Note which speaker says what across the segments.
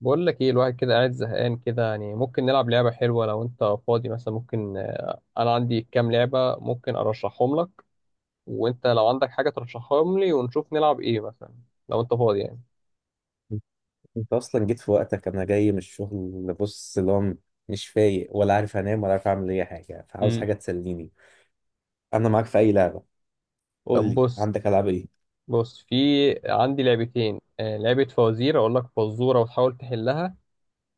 Speaker 1: بقول لك ايه، الواحد كده قاعد زهقان كده. يعني ممكن نلعب لعبة حلوة لو انت فاضي. مثلا ممكن، انا عندي كام لعبة ممكن ارشحهم لك، وانت لو عندك حاجة ترشحهم لي، ونشوف نلعب ايه مثلا لو انت فاضي يعني.
Speaker 2: انت اصلا جيت في وقتك. انا جاي من الشغل، بص اللي هو مش فايق، ولا عارف انام ولا عارف اعمل اي حاجه، فعاوز
Speaker 1: امم
Speaker 2: حاجه تسليني. انا معاك في اي لعبه، قول
Speaker 1: طب
Speaker 2: لي
Speaker 1: بص.
Speaker 2: عندك العاب ايه.
Speaker 1: بص في عندي لعبتين. لعبة فوازير، اقول لك فزورة وتحاول تحلها،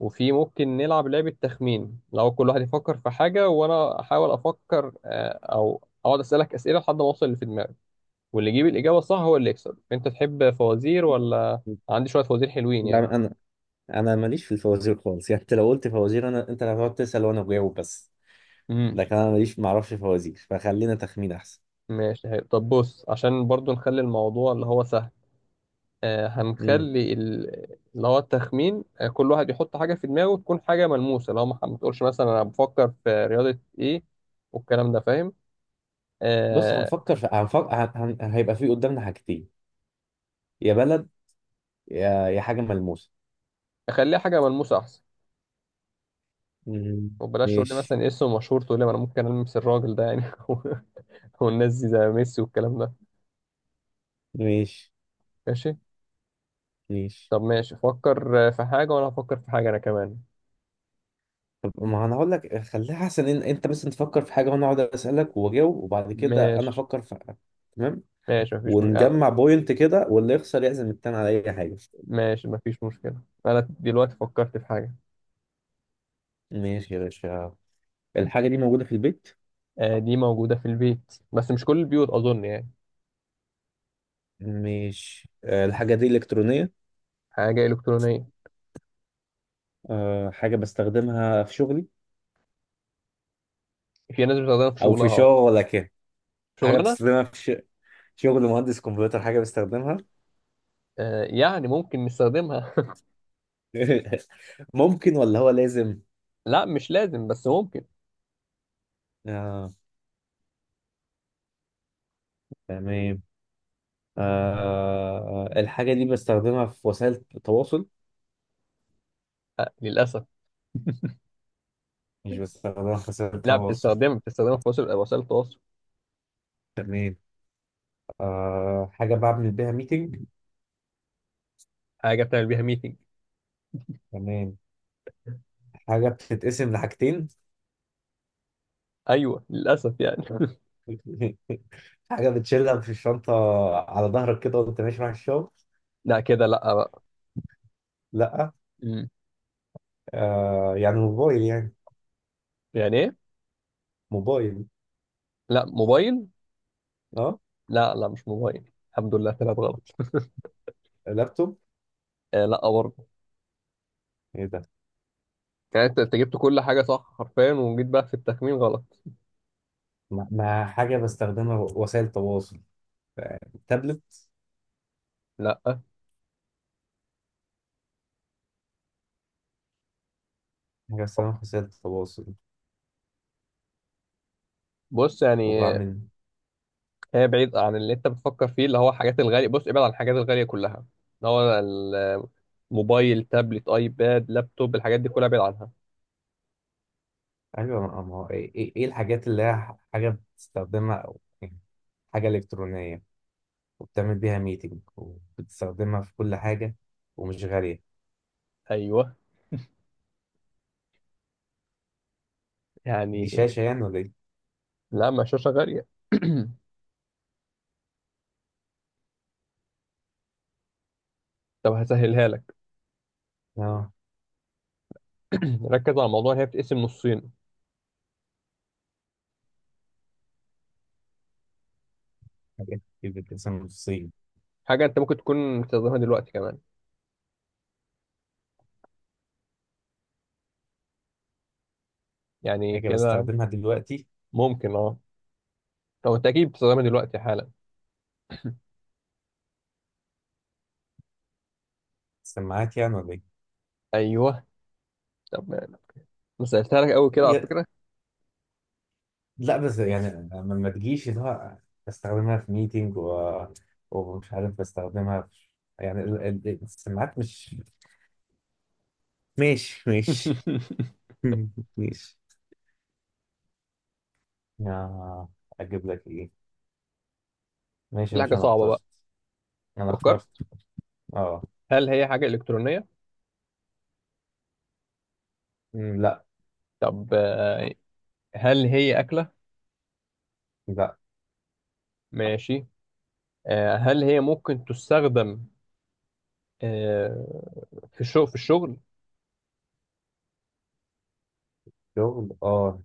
Speaker 1: وفي ممكن نلعب لعبة تخمين لو كل واحد يفكر في حاجة وانا احاول افكر، او اقعد اسألك اسئلة لحد ما اوصل اللي في دماغي، واللي يجيب الإجابة الصح هو اللي يكسب. أنت تحب فوازير ولا؟ عندي شوية فوازير حلوين يعني.
Speaker 2: لا، انا ماليش في الفوازير خالص، يعني انت لو قلت فوازير انا، انت اللي هتقعد تسال وانا بجاوب بس.
Speaker 1: امم
Speaker 2: لكن انا ماليش، معرفش فوازير، فخلينا تخمين احسن.
Speaker 1: ماشي، حلو. طب بص، عشان برضو نخلي الموضوع اللي هو سهل، هنخلي اللي هو التخمين. آه، كل واحد يحط حاجة في دماغه تكون حاجة ملموسة، لو ما تقولش مثلا أنا بفكر في رياضة إيه والكلام ده، فاهم؟
Speaker 2: بص،
Speaker 1: آه.
Speaker 2: هنفكر في هنفكر هن... هن- هيبقى في قدامنا حاجتين: يا بلد، يا حاجة ملموسة.
Speaker 1: خليها حاجة ملموسة أحسن.
Speaker 2: مم.
Speaker 1: وبلاش تقول لي
Speaker 2: ماشي
Speaker 1: مثلا اسم مشهور، تقول لي ما أنا ممكن ألمس الراجل ده يعني، والناس دي زي ميسي والكلام ده.
Speaker 2: ماشي
Speaker 1: ماشي.
Speaker 2: ماشي.
Speaker 1: طب ماشي، فكر في حاجة وأنا هفكر في حاجة أنا كمان.
Speaker 2: طب ما انا هقول لك خليها احسن ان انت بس تفكر في حاجة وانا اقعد اسألك واجاوب، وبعد كده انا
Speaker 1: ماشي.
Speaker 2: افكر في. تمام،
Speaker 1: ماشي مفيش مش... آه،
Speaker 2: ونجمع بوينت كده واللي يخسر يعزم التاني على اي حاجة.
Speaker 1: ماشي مفيش مشكلة. أنا دلوقتي فكرت في حاجة.
Speaker 2: ماشي يا باشا. الحاجة دي موجودة في البيت.
Speaker 1: آه، دي موجودة في البيت بس مش كل البيوت أظن يعني.
Speaker 2: ماشي. آه، الحاجة دي إلكترونية.
Speaker 1: حاجة إلكترونية.
Speaker 2: آه، حاجة بستخدمها في شغلي.
Speaker 1: في ناس بتستخدمها في
Speaker 2: او
Speaker 1: شغلها،
Speaker 2: في
Speaker 1: أه.
Speaker 2: شغلك يعني. حاجة
Speaker 1: شغلنا.
Speaker 2: بتستخدمها في ش... شغل مهندس كمبيوتر حاجة بيستخدمها.
Speaker 1: آه، يعني ممكن نستخدمها.
Speaker 2: ممكن ولا هو لازم.
Speaker 1: لا مش لازم بس ممكن.
Speaker 2: آه، تمام. آه، الحاجة دي بستخدمها في وسائل التواصل.
Speaker 1: آه، للأسف.
Speaker 2: مش بستخدمها في وسائل
Speaker 1: لا
Speaker 2: التواصل.
Speaker 1: بتستخدمها، بتستخدمها في وسائل التواصل.
Speaker 2: تمام. آه، حاجة بعمل بيها ميتنج.
Speaker 1: حاجة بتعمل بيها ميتنج.
Speaker 2: تمام. حاجة بتتقسم لحاجتين.
Speaker 1: أيوه، للأسف يعني.
Speaker 2: حاجة بتشيلها في الشنطة على ظهرك كده وانت ماشي رايح الشغل.
Speaker 1: لا كده لا بقى.
Speaker 2: لا.
Speaker 1: مم.
Speaker 2: آه، يعني موبايل يعني.
Speaker 1: يعني إيه؟
Speaker 2: موبايل.
Speaker 1: لا موبايل.
Speaker 2: اه.
Speaker 1: لا لا، مش موبايل. الحمد لله طلعت غلط.
Speaker 2: لابتوب.
Speaker 1: آه لا برضه.
Speaker 2: ايه ده؟
Speaker 1: يعني انت، أنت جبت كل حاجه صح حرفيا، وجيت بقى في التخمين غلط.
Speaker 2: ما حاجة بستخدمها وسائل تواصل. تابلت.
Speaker 1: لا،
Speaker 2: رسام خاصية التواصل.
Speaker 1: بص يعني،
Speaker 2: وبعمل.
Speaker 1: هي بعيد عن اللي انت بتفكر فيه اللي هو الحاجات الغاليه. بص، ابعد عن الحاجات الغاليه كلها، اللي هو الموبايل، تابلت، ايباد، لابتوب، الحاجات دي كلها ابعد عنها.
Speaker 2: أيوة، ما هو إيه, إيه الحاجات اللي هي حاجة بتستخدمها أو يعني. حاجة إلكترونية وبتعمل بيها ميتنج وبتستخدمها في كل حاجة ومش غالية.
Speaker 1: ايوه
Speaker 2: دي
Speaker 1: يعني.
Speaker 2: شاشة يعني ولا إيه؟
Speaker 1: لا، ما شاشه غاليه. طب هسهلها لك.
Speaker 2: آه.
Speaker 1: ركز على الموضوع، ان هي بتقسم نصين.
Speaker 2: حاجات كتير بتتقسم نصين.
Speaker 1: حاجه انت ممكن تكون بتستخدمها دلوقتي كمان، يعني
Speaker 2: حاجة
Speaker 1: كده.
Speaker 2: بستخدمها دلوقتي.
Speaker 1: ممكن اه. طب انت اكيد بتستخدمها دلوقتي حالا.
Speaker 2: سماعات يعني ولا إيه؟
Speaker 1: ايوه. طب انا سالتها لك قوي كده على
Speaker 2: هي-
Speaker 1: فكره.
Speaker 2: لا، بس يعني ما تجيش اللي هو بستخدمها في ميتنج و... ومش عارف بستخدمها في، يعني السماعات مش. ماشي ماشي. ماشي. آه، اجيب لك ايه. ماشي
Speaker 1: دي
Speaker 2: يا
Speaker 1: حاجه
Speaker 2: باشا، انا
Speaker 1: صعبه بقى.
Speaker 2: اخترت. انا
Speaker 1: فكرت.
Speaker 2: اخترت. اه.
Speaker 1: هل هي حاجه الكترونيه؟
Speaker 2: مم، لا.
Speaker 1: طب، هل هي اكله؟
Speaker 2: لا.
Speaker 1: ماشي. آه، هل هي ممكن تستخدم، آه، في الشغل في
Speaker 2: شغل اه.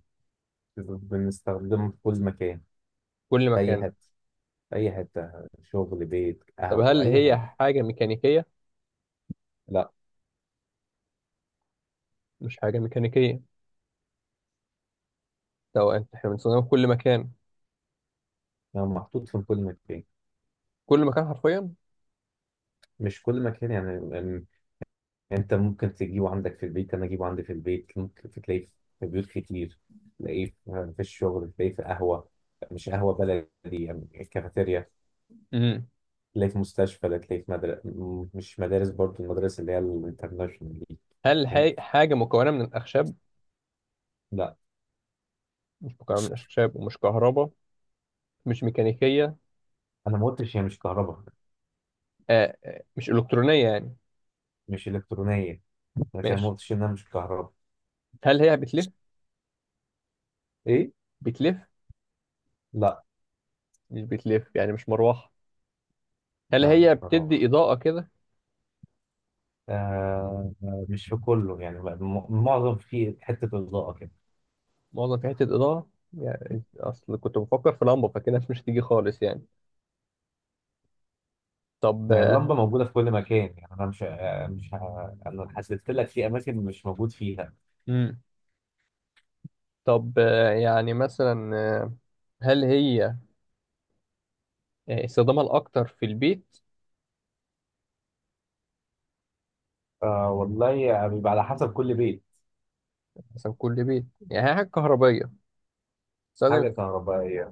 Speaker 2: بنستخدمه في كل مكان.
Speaker 1: كل
Speaker 2: في اي
Speaker 1: مكان.
Speaker 2: حته، في اي حته. شغل، بيت،
Speaker 1: طب
Speaker 2: قهوه،
Speaker 1: هل
Speaker 2: اي
Speaker 1: هي
Speaker 2: حاجه.
Speaker 1: حاجه ميكانيكيه؟
Speaker 2: لا.
Speaker 1: مش حاجه ميكانيكيه. طب انت احنا بنستخدمها في كل مكان؟
Speaker 2: يعني محطوط في كل مكان.
Speaker 1: كل مكان حرفيا.
Speaker 2: مش كل مكان يعني. أم، انت ممكن تجيبه عندك في البيت، انا اجيبه عندي في البيت، ممكن تلاقيه في بيوت كتير، تلاقيه في الشغل، تلاقيه في قهوه، مش قهوه بلدي، يعني كافيتيريا،
Speaker 1: مم.
Speaker 2: تلاقيه في مستشفى، ده تلاقيه في مدرسة، مش مدارس برضو، المدارس اللي هي الانترناشونال دي.
Speaker 1: هل
Speaker 2: فاهم.
Speaker 1: هي حاجه مكونه من الاخشاب؟
Speaker 2: لا.
Speaker 1: مش مكونه من الاخشاب، ومش كهرباء، مش ميكانيكيه.
Speaker 2: انا ما قلتش هي مش كهرباء.
Speaker 1: آه، مش الكترونيه يعني.
Speaker 2: مش الكترونيه، لكن انا ما
Speaker 1: ماشي.
Speaker 2: قلتش انها مش كهرباء.
Speaker 1: هل هي بتلف؟
Speaker 2: ايه.
Speaker 1: بتلف.
Speaker 2: لا
Speaker 1: مش بتلف يعني، مش مروحة. هل
Speaker 2: لا،
Speaker 1: هي
Speaker 2: مش
Speaker 1: بتدي
Speaker 2: مروحه.
Speaker 1: إضاءة كده؟
Speaker 2: آه، مش في كله يعني، معظم في حته اضاءه كده.
Speaker 1: معظم في حتة إضاءة يعني. أصل كنت بفكر في لمبة، فكده مش هتيجي خالص يعني. طب.
Speaker 2: ما هي اللمبه موجوده في كل مكان يعني، انا مش آه، مش ه- انا حسيت لك في اماكن مش موجود فيها.
Speaker 1: مم. طب، يعني مثلا، آه، هل هي، استخدامها الأكتر في البيت؟
Speaker 2: آه والله يعني بيبقى على حسب كل بيت.
Speaker 1: مثلا كل بيت، يعني هي حاجة كهربية
Speaker 2: حاجه
Speaker 1: بتستخدم؟
Speaker 2: كهربائيه.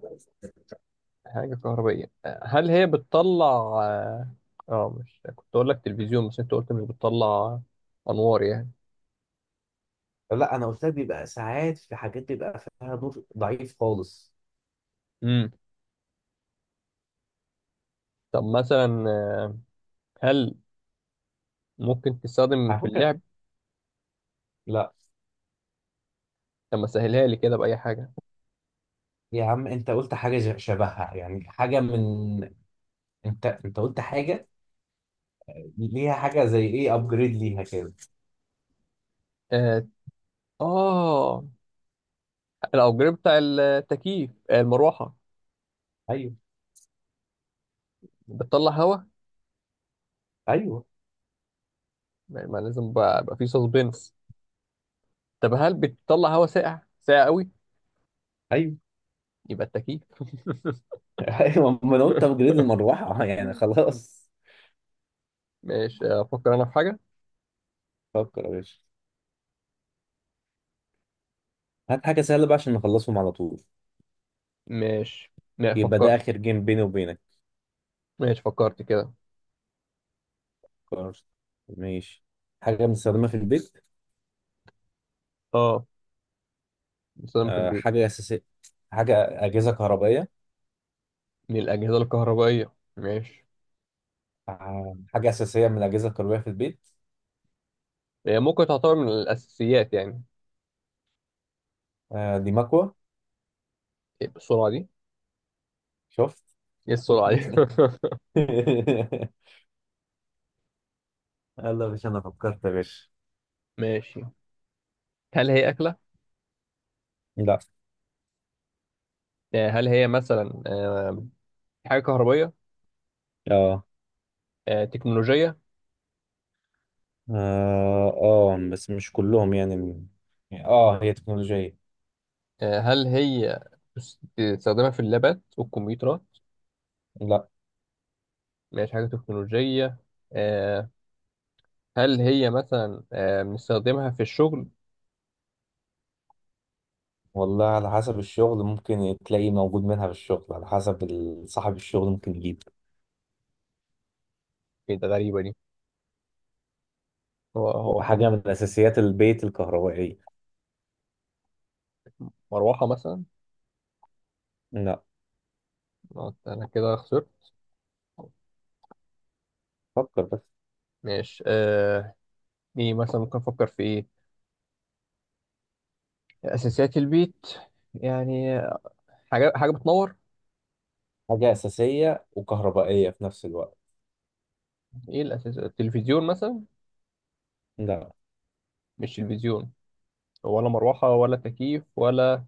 Speaker 1: في حاجة كهربية. آه، هل هي بتطلع؟ اه. آه، مش كنت أقول لك تلفزيون بس أنت قلت مش بتطلع أنوار يعني.
Speaker 2: لا، انا قلت لك بيبقى ساعات في حاجات بيبقى فيها نور ضعيف خالص.
Speaker 1: مم. طب مثلا، هل ممكن تستخدم
Speaker 2: على
Speaker 1: في
Speaker 2: فكره.
Speaker 1: اللعب؟
Speaker 2: لا.
Speaker 1: طب ما سهلها لي كده بأي حاجة.
Speaker 2: يا عم انت قلت حاجه شبهها، يعني حاجه من، انت قلت حاجه ليها حاجه زي ايه ابجريد ليها كده.
Speaker 1: آه. آه، الأوبجريد بتاع التكييف؟ آه، المروحة؟
Speaker 2: ايوه.
Speaker 1: بتطلع هوا.
Speaker 2: ايوه.
Speaker 1: ما لازم بقى, بقى فيه سسبنس. طب هل بتطلع هوا ساقع ساقع قوي؟
Speaker 2: ايوه.
Speaker 1: يبقى التكييف.
Speaker 2: ايوه، ما انا قلت ابجريد المروحه يعني خلاص.
Speaker 1: ماشي، أفكر أنا في حاجة.
Speaker 2: فكر يا باشا، هات حاجه سهله بقى عشان نخلصهم على طول.
Speaker 1: ماشي، لا
Speaker 2: يبقى ده
Speaker 1: فكرت.
Speaker 2: اخر جيم بيني وبينك.
Speaker 1: ماشي، فكرت كده.
Speaker 2: خلاص. ماشي. حاجه بنستخدمها في البيت.
Speaker 1: آه، بستخدمها في
Speaker 2: آه،
Speaker 1: البيت.
Speaker 2: حاجه اساسيه. حاجه اجهزه كهربائيه.
Speaker 1: من الأجهزة الكهربائية. ماشي.
Speaker 2: آه، حاجة أساسية من الأجهزة الكهربائية في البيت.
Speaker 1: هي ممكن تعتبر من الأساسيات يعني.
Speaker 2: آه، دي مكوة.
Speaker 1: إيه السرعة دي؟
Speaker 2: شفت؟
Speaker 1: إيه السرعة دي؟
Speaker 2: يلا، مش أنا فكرت يا باشا.
Speaker 1: ماشي. هل هي أكلة؟
Speaker 2: لا.
Speaker 1: آه، هل هي مثلا، حاجة كهربية؟
Speaker 2: اه.
Speaker 1: آه، تكنولوجية؟
Speaker 2: اه. آه، بس مش كلهم يعني اه هي تكنولوجية.
Speaker 1: آه، هل هي تستخدمها في اللابات والكمبيوترات؟
Speaker 2: لا.
Speaker 1: مش حاجة تكنولوجية. آه، هل هي مثلا، بنستخدمها في الشغل؟
Speaker 2: والله على حسب الشغل، ممكن تلاقي موجود منها في الشغل على حسب صاحب الشغل ممكن يجيب.
Speaker 1: ايه ده، غريبة دي. هو صح.
Speaker 2: وحاجة من أساسيات البيت الكهربائية.
Speaker 1: مروحة مثلا؟
Speaker 2: لا.
Speaker 1: آه، أنا كده خسرت.
Speaker 2: فكر بس.
Speaker 1: ماشي. آه، ايه مثلا ممكن أفكر في ايه؟ أساسيات البيت يعني. آه، حاجة بتنور؟
Speaker 2: حاجة أساسية وكهربائية في نفس الوقت.
Speaker 1: ايه الأساس؟ التلفزيون مثلا؟
Speaker 2: لا.
Speaker 1: مش تلفزيون، ولا مروحة، ولا تكييف، ولا.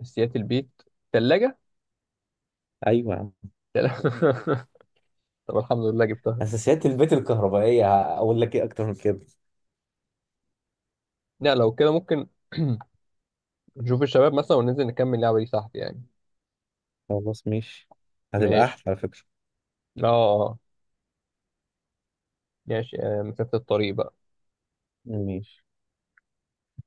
Speaker 1: اساسيات البيت. تلاجة.
Speaker 2: أيوة.
Speaker 1: طب الحمد لله جبتها.
Speaker 2: اساسيات البيت الكهربائيه هقول لك ايه اكتر من كده.
Speaker 1: لا لو كده ممكن، نشوف الشباب مثلا وننزل نكمل اللعبة دي تحت يعني.
Speaker 2: خلاص ماشي. هتبقى
Speaker 1: ماشي.
Speaker 2: احلى على فكرة.
Speaker 1: اه آه. آه. ماشي، مسافة الطريق بقى.
Speaker 2: ماشي.